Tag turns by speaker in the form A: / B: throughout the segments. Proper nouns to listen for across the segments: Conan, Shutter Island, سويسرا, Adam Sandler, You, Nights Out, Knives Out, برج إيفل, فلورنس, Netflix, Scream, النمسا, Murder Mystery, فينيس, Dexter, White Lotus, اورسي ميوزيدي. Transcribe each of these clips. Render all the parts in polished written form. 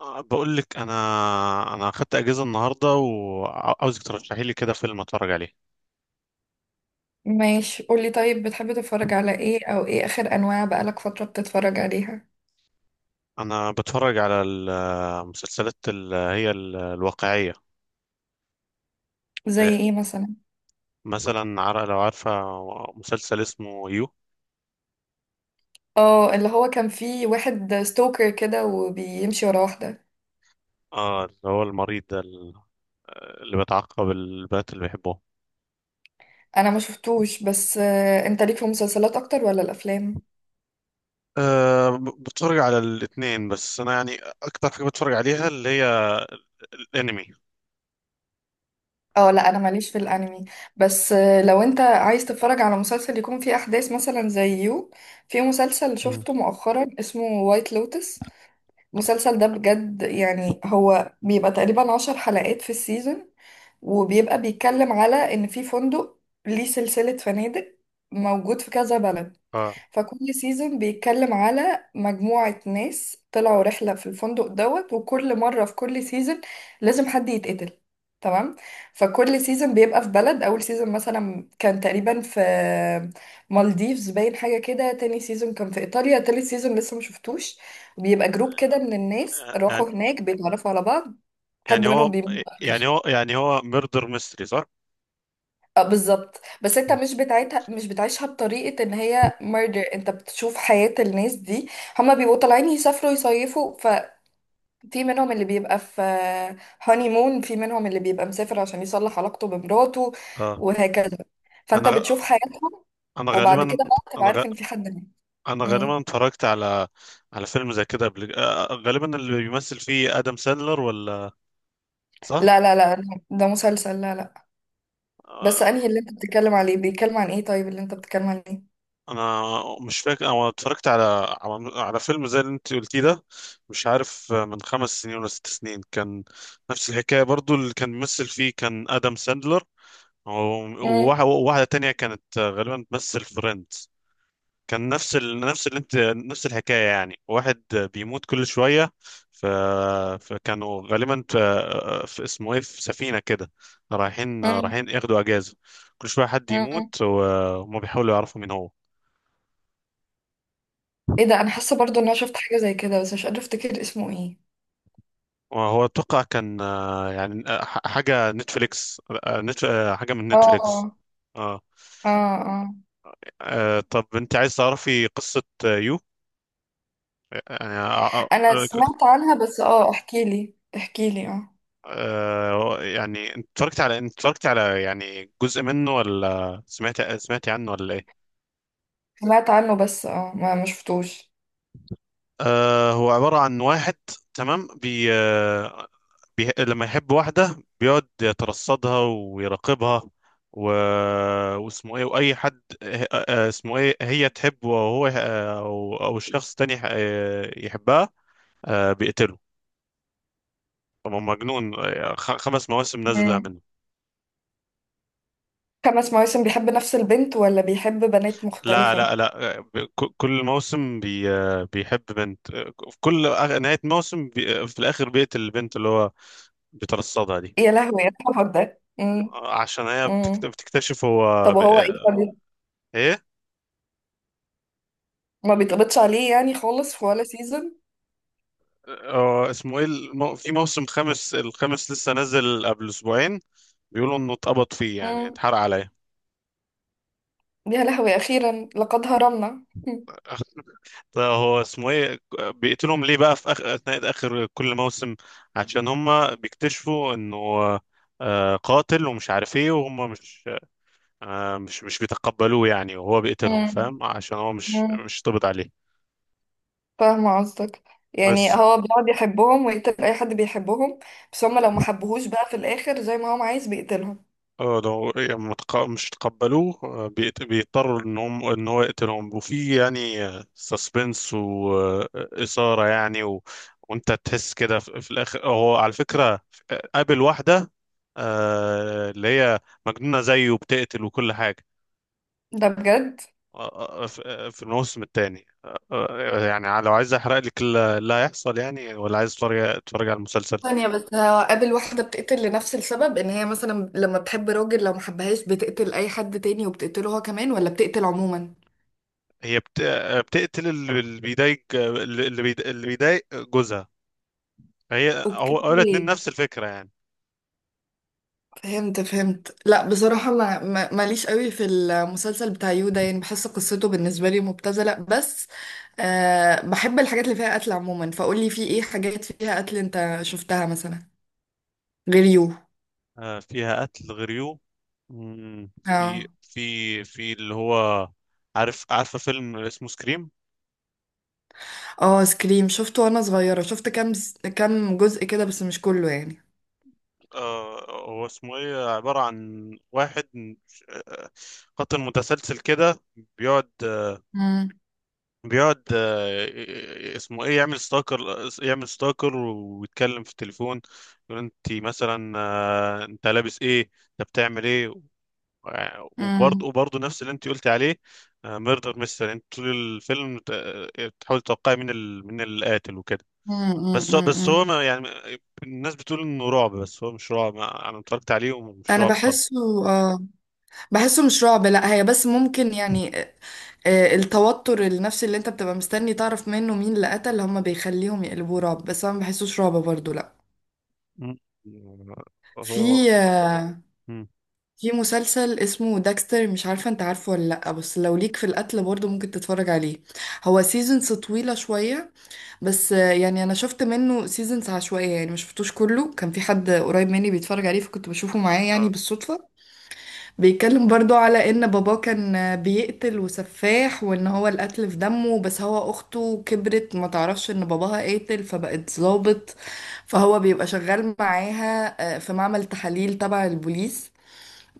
A: بقول لك انا اخدت اجازه النهارده، وعاوزك ترشحي لي كده فيلم اتفرج عليه.
B: ماشي، قولي. طيب، بتحبي تتفرج على ايه؟ او ايه اخر انواع بقالك فترة بتتفرج عليها؟
A: انا بتفرج على المسلسلات اللي هي الواقعيه.
B: زي
A: لا،
B: ايه مثلا؟
A: مثلا لو عارفه مسلسل اسمه يو.
B: اه، اللي هو كان فيه واحد ستوكر كده وبيمشي ورا واحدة.
A: اه، اللي هو المريض ده، اللي بيتعقب البنات اللي بيحبوه.
B: انا ما شفتوش. بس انت ليك في المسلسلات اكتر ولا الافلام؟
A: أه، بتفرج على الاثنين، بس انا يعني اكتر حاجه بتفرج عليها اللي هي الانمي.
B: اه لا، انا ماليش في الانمي. بس لو انت عايز تتفرج على مسلسل يكون فيه احداث مثلا زي يو، في مسلسل
A: مم.
B: شفته مؤخرا اسمه وايت لوتس. المسلسل ده بجد يعني هو بيبقى تقريبا 10 حلقات في السيزون، وبيبقى بيتكلم على ان في فندق، ليه سلسلة فنادق موجود في كذا بلد.
A: اه،
B: فكل سيزون بيتكلم على مجموعة ناس طلعوا رحلة في الفندق دوت، وكل مرة في كل سيزون لازم حد يتقتل، تمام؟ فكل سيزون بيبقى في بلد. أول سيزون مثلا كان تقريبا في مالديفز باين حاجة كده، تاني سيزون كان في إيطاليا، تالت سيزون لسه مشفتوش. بيبقى جروب كده من الناس
A: يعني
B: راحوا هناك بيتعرفوا على بعض،
A: يعني
B: حد منهم
A: هو
B: بيموت في
A: يعني
B: الآخر.
A: هو يعني هو ميردر ميستري، صح؟
B: اه بالظبط، بس انت
A: مم.
B: مش بتاعتها، مش بتعيشها بطريقة ان هي ميردر، انت بتشوف حياة الناس دي. هما بيبقوا طالعين يسافروا يصيفوا، ففي منهم اللي بيبقى في هاني مون، في منهم اللي بيبقى مسافر عشان يصلح علاقته بمراته،
A: اه،
B: وهكذا. فانت
A: انا
B: بتشوف
A: غ-
B: حياتهم،
A: انا
B: وبعد
A: غالبا
B: كده بقى تبقى
A: انا غ...
B: عارف ان في حد مات.
A: انا غالبا
B: مم.
A: اتفرجت على فيلم زي كده قبل، غالبا اللي بيمثل فيه ادم ساندلر، ولا؟ صح.
B: لا لا لا، ده مسلسل، لا لا. بس انهي
A: آه،
B: اللي انت بتتكلم عليه؟ بيتكلم عن ايه طيب اللي انت بتتكلم عليه؟
A: انا مش فاكر، انا اتفرجت على على فيلم زي اللي انت قلتيه ده. مش عارف، من 5 سنين ولا 6 سنين كان. نفس الحكايه برضو، اللي كان بيمثل فيه كان ادم ساندلر، و-
B: مم.
A: وواحده تانية كانت غالبا بتمثل فريند. كان نفس اللي انت، نفس الحكايه، يعني واحد بيموت كل شويه. ف... فكانوا غالبا في، اسمه ايه، في سفينه كده، رايحين ياخدوا اجازه، كل شويه حد
B: مم.
A: يموت وهم بيحاولوا يعرفوا مين هو.
B: ايه ده، انا حاسه برضو ان انا شفت حاجه زي كده بس مش قادره افتكر اسمه ايه.
A: وهو اتوقع كان يعني حاجه نتفليكس، آه، نت... آه، حاجه من نتفليكس.
B: اه
A: اه.
B: اه اه.
A: طب انت عايز تعرفي قصه يو؟ يعني
B: انا سمعت عنها، بس اه احكي لي احكي لي. اه
A: يعني، انت اتفرجت على، يعني، جزء منه، ولا سمعت عنه، ولا ايه؟
B: سمعت عنه، بس اه ما شفتوش.
A: هو عبارة عن واحد، تمام. بي لما يحب واحدة بيقعد يترصدها ويراقبها، و... واسمه ايه، واي حد، اسمه ايه، هي تحبه، وهو او الشخص تاني، يحبها، بيقتله. طبعا مجنون. 5 مواسم نازلة
B: مم.
A: منه.
B: 5 مواسم بيحب نفس البنت ولا بيحب بنات
A: لا،
B: مختلفه؟
A: لا، لا، كل موسم بيحب بنت. في كل نهاية موسم، في الآخر بيقتل البنت اللي هو بيترصدها دي،
B: يا لهوي يا الحوار ده. مم.
A: عشان هي
B: مم.
A: بتكتشف هو
B: طب وهو ايه،
A: ايه؟
B: ما بيتقبضش عليه يعني خالص في ولا سيزون؟
A: هو اسمه ايه، في موسم الخامس لسه نازل قبل اسبوعين. بيقولوا انه اتقبض فيه، يعني
B: مم.
A: اتحرق عليه.
B: يا لهوي، اخيرا لقد هرمنا.
A: طيب هو اسمه ايه، بيقتلهم ليه بقى في اخر كل موسم؟ عشان هم بيكتشفوا انه قاتل ومش عارف ايه، وهم مش، مش بيتقبلوه يعني، وهو بيقتلهم،
B: مم.
A: فاهم؟ عشان هو مش
B: مم.
A: مش طبط عليه.
B: فاهمة قصدك. يعني
A: بس.
B: هو بيقعد يحبهم ويقتل أي حد بيحبهم، بس هما لو ما حبوهوش بقى في الآخر زي ما هو عايز بيقتلهم.
A: اه، لو يعني، مش تقبلوه، بيضطروا ان هو يقتلهم، وفي يعني سسبنس وإثارة يعني، وانت تحس كده في الاخر. هو على فكرة قابل واحدة اللي هي مجنونة زيه وبتقتل وكل حاجة،
B: ده بجد؟
A: في الموسم الثاني. يعني لو عايز احرق لك اللي هيحصل يعني، ولا عايز تتفرج على المسلسل؟
B: ثانية بس، هو قابل واحدة بتقتل لنفس السبب؟ ان هي مثلا لما بتحب راجل لو محبهاش بتقتل اي حد تاني وبتقتله هو كمان، ولا بتقتل عموما؟
A: هي بتقتل اللي بيضايق، اللي بيضايق جوزها. هي
B: اوكي،
A: هو هو الاتنين نفس الفكرة يعني.
B: فهمت فهمت. لا بصراحة، ماليش قوي في المسلسل بتاع يودا، يعني بحس قصته بالنسبة لي مبتذلة. بس أه، بحب الحاجات اللي فيها قتل عموما. فقولي في ايه حاجات فيها قتل انت شفتها مثلا غير يو؟
A: فيها قتل غريو. مم، في
B: اه.
A: في في اللي هو، عارفة فيلم اسمه سكريم؟
B: اه سكريم، شفته وانا صغيرة، شفت كام جزء كده بس مش كله يعني.
A: هو اسمه ايه، عبارة عن واحد آه، قاتل متسلسل كده، بيقعد
B: مم.
A: بيقعد اسمه ايه، يعمل ستاكر. يعمل ستاكر ويتكلم في التليفون، يقول انت مثلا انت لابس ايه، انت بتعمل ايه. وبرضه
B: مم.
A: وبرضه نفس اللي انت قلتي عليه، ميردر مستر، انت طول الفيلم تحاول تتوقعي من القاتل وكده.
B: مم. مم. مم.
A: بس
B: مم.
A: هو ما يعني، الناس بتقول انه رعب، بس هو مش رعب. انا اتفرجت عليه ومش
B: انا
A: رعب خالص.
B: بحسه. اه، بحسه مش رعب. لا هي بس ممكن يعني التوتر النفسي اللي انت بتبقى مستني تعرف منه مين اللي قتل، هم بيخليهم يقلبوه رعب، بس انا ما بحسوش رعب برضو، لا.
A: مم.
B: في
A: هو. مم.
B: في مسلسل اسمه داكستر، مش عارفة انت عارفه ولا لا، بس لو ليك في القتل برضو ممكن تتفرج عليه. هو سيزونز طويلة شوية، بس يعني انا شفت منه سيزونز عشوائية، يعني مش شفتوش كله. كان في حد قريب مني بيتفرج عليه فكنت بشوفه معاه يعني
A: اه.
B: بالصدفة. بيتكلم برضو على ان باباه كان بيقتل وسفاح، وان هو القتل في دمه، بس هو اخته كبرت ما تعرفش ان باباها قاتل، فبقت ظابط. فهو بيبقى شغال معاها في معمل تحاليل تبع البوليس،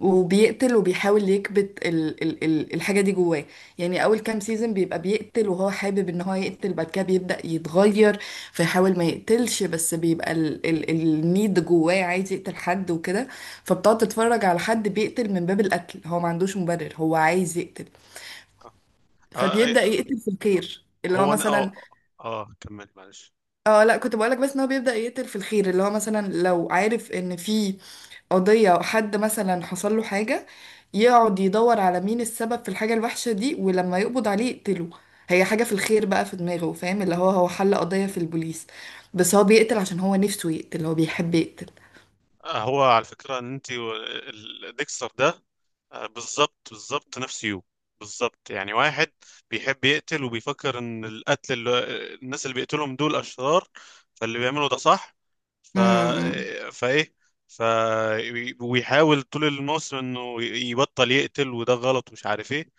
B: وبيقتل وبيحاول يكبت ال ال ال الحاجة دي جواه. يعني أول كام سيزون بيبقى بيقتل وهو حابب إن هو يقتل، بعد كده بيبدأ يتغير. فيحاول ما يقتلش، بس بيبقى ال ال النيد جواه عايز يقتل حد وكده. فبتقعد تتفرج على حد بيقتل من باب القتل، هو ما عندوش مبرر، هو عايز يقتل.
A: آه. آه، أي-
B: فبيبدأ يقتل في الخير اللي هو
A: هو انا اه.
B: مثلا.
A: اه، كمل معلش.
B: اه لا، كنت بقولك بس ان هو بيبدأ يقتل في الخير اللي هو مثلا لو عارف ان في قضية أو حد مثلا حصل له حاجة، يقعد يدور على مين السبب في الحاجة الوحشة دي، ولما يقبض عليه يقتله. هي حاجة في الخير بقى في دماغه، فاهم؟ اللي هو هو حل قضية في البوليس، بس هو بيقتل عشان هو نفسه يقتل، هو بيحب يقتل.
A: هو على فكرة، ان انت ديكستر ده بالظبط، بالظبط نفس يو. بالظبط يعني، واحد بيحب يقتل وبيفكر ان القتل، الناس اللي بيقتلهم دول اشرار، فاللي بيعملوا ده صح. ف
B: امم.
A: آه، فايه. ف. ويحاول طول الموسم انه يبطل يقتل، وده غلط ومش عارف ايه.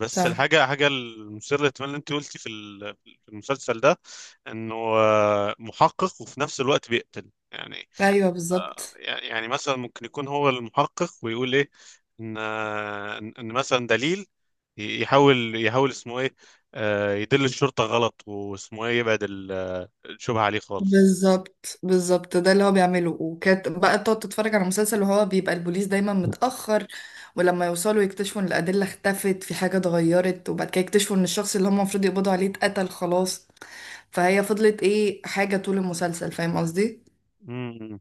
A: بس
B: صح.
A: الحاجة المثيرة للاهتمام اللي انت قلتي في في المسلسل ده، انه محقق وفي نفس الوقت بيقتل يعني.
B: ايوه، بالظبط
A: يعني مثلا ممكن يكون هو المحقق ويقول ايه، ان ان إن مثلا دليل، يحاول اسمه ايه، يدل الشرطة غلط، واسمه ايه، يبعد الشبهة عليه خالص.
B: بالظبط بالظبط، ده اللي هو بيعمله. وكانت بقى تقعد تتفرج على مسلسل وهو بيبقى البوليس دايما متأخر، ولما يوصلوا يكتشفوا ان الأدلة اختفت، في حاجة اتغيرت، وبعد كده يكتشفوا ان الشخص اللي هم المفروض يقبضوا عليه اتقتل خلاص. فهي فضلت ايه حاجة طول المسلسل، فاهم قصدي؟
A: مم.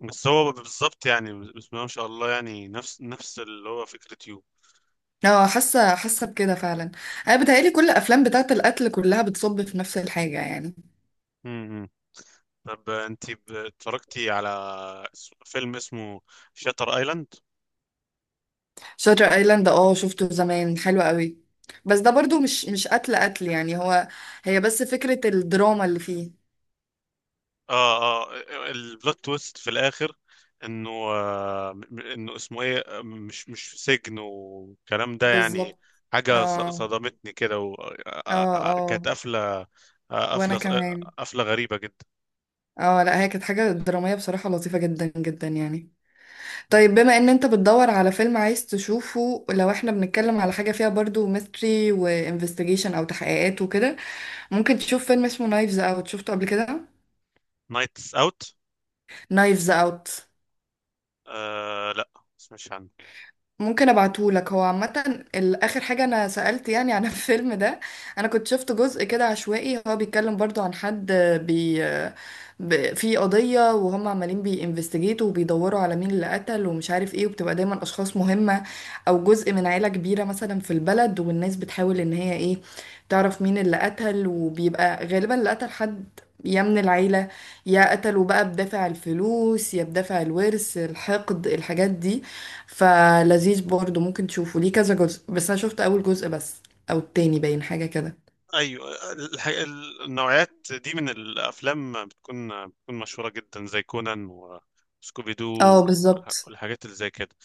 A: بس هو بالظبط يعني، بسم الله ما شاء الله، يعني نفس اللي هو فكرة يو.
B: اه، حاسة حاسة بكده فعلا. انا بتهيألي كل الافلام بتاعة القتل كلها بتصب في نفس الحاجة يعني.
A: مم. طب انت، اتفرجتي على فيلم اسمه شاتر ايلاند؟
B: شاتر ايلاند، اه شفته زمان، حلو قوي. بس ده برضو مش قتل قتل يعني، هو هي بس فكرة الدراما اللي فيه.
A: اه، اه، البلوت تويست في الاخر، انه اسمه ايه، مش في سجن والكلام ده يعني،
B: بالظبط.
A: حاجه
B: اه
A: صدمتني كده،
B: اه اه.
A: كانت قفله،
B: وانا كمان.
A: قفله غريبه جدا.
B: اه لا هي كانت حاجة درامية بصراحة لطيفة جدا جدا يعني. طيب بما ان انت بتدور على فيلم عايز تشوفه، لو احنا بنتكلم على حاجة فيها برضو ميستري وانفستيجيشن او تحقيقات وكده، ممكن تشوف فيلم اسمه نايفز اوت. شفته قبل كده؟
A: نايتس اوت؟
B: نايفز اوت.
A: لا، مش عنه.
B: ممكن ابعتهولك. هو عامة اخر حاجة انا سألت يعني عن الفيلم ده. انا كنت شفت جزء كده عشوائي، هو بيتكلم برضو عن حد بي في قضية وهم عمالين بينفستيجيتوا وبيدوروا على مين اللي قتل ومش عارف ايه، وبتبقى دايما اشخاص مهمة او جزء من عيلة كبيرة مثلا في البلد، والناس بتحاول ان هي ايه تعرف مين اللي قتل، وبيبقى غالبا اللي قتل حد يا من العيلة، يا قتلوا بقى بدافع الفلوس يا بدافع الورث، الحقد، الحاجات دي. فلذيذ برضه، ممكن تشوفه. ليه كذا جزء، بس انا شفت اول جزء بس او التاني باين حاجه كده.
A: ايوه، النوعيات دي من الافلام بتكون مشهوره جدا، زي كونان وسكوبي دو
B: اه بالظبط.
A: والحاجات اللي زي كده.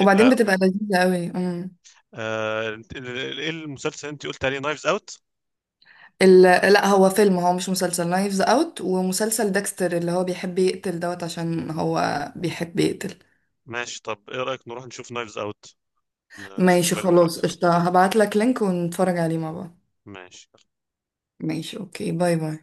B: وبعدين
A: آه،
B: بتبقى لذيذه قوي. امم.
A: ايه المسلسل اللي انت قلت عليه، نايفز اوت؟
B: ال... لا هو فيلم، هو مش مسلسل نايفز اوت. ومسلسل ديكستر اللي هو بيحب يقتل دوت عشان هو بيحب يقتل.
A: ماشي، طب ايه رأيك نروح نشوف نايفز اوت، نشوف
B: ماشي،
A: الفيلم
B: خلاص
A: دلوقتي؟
B: قشطة، هبعت لك لينك ونتفرج عليه مع بعض.
A: ماشي.
B: ماشي. اوكي، باي باي.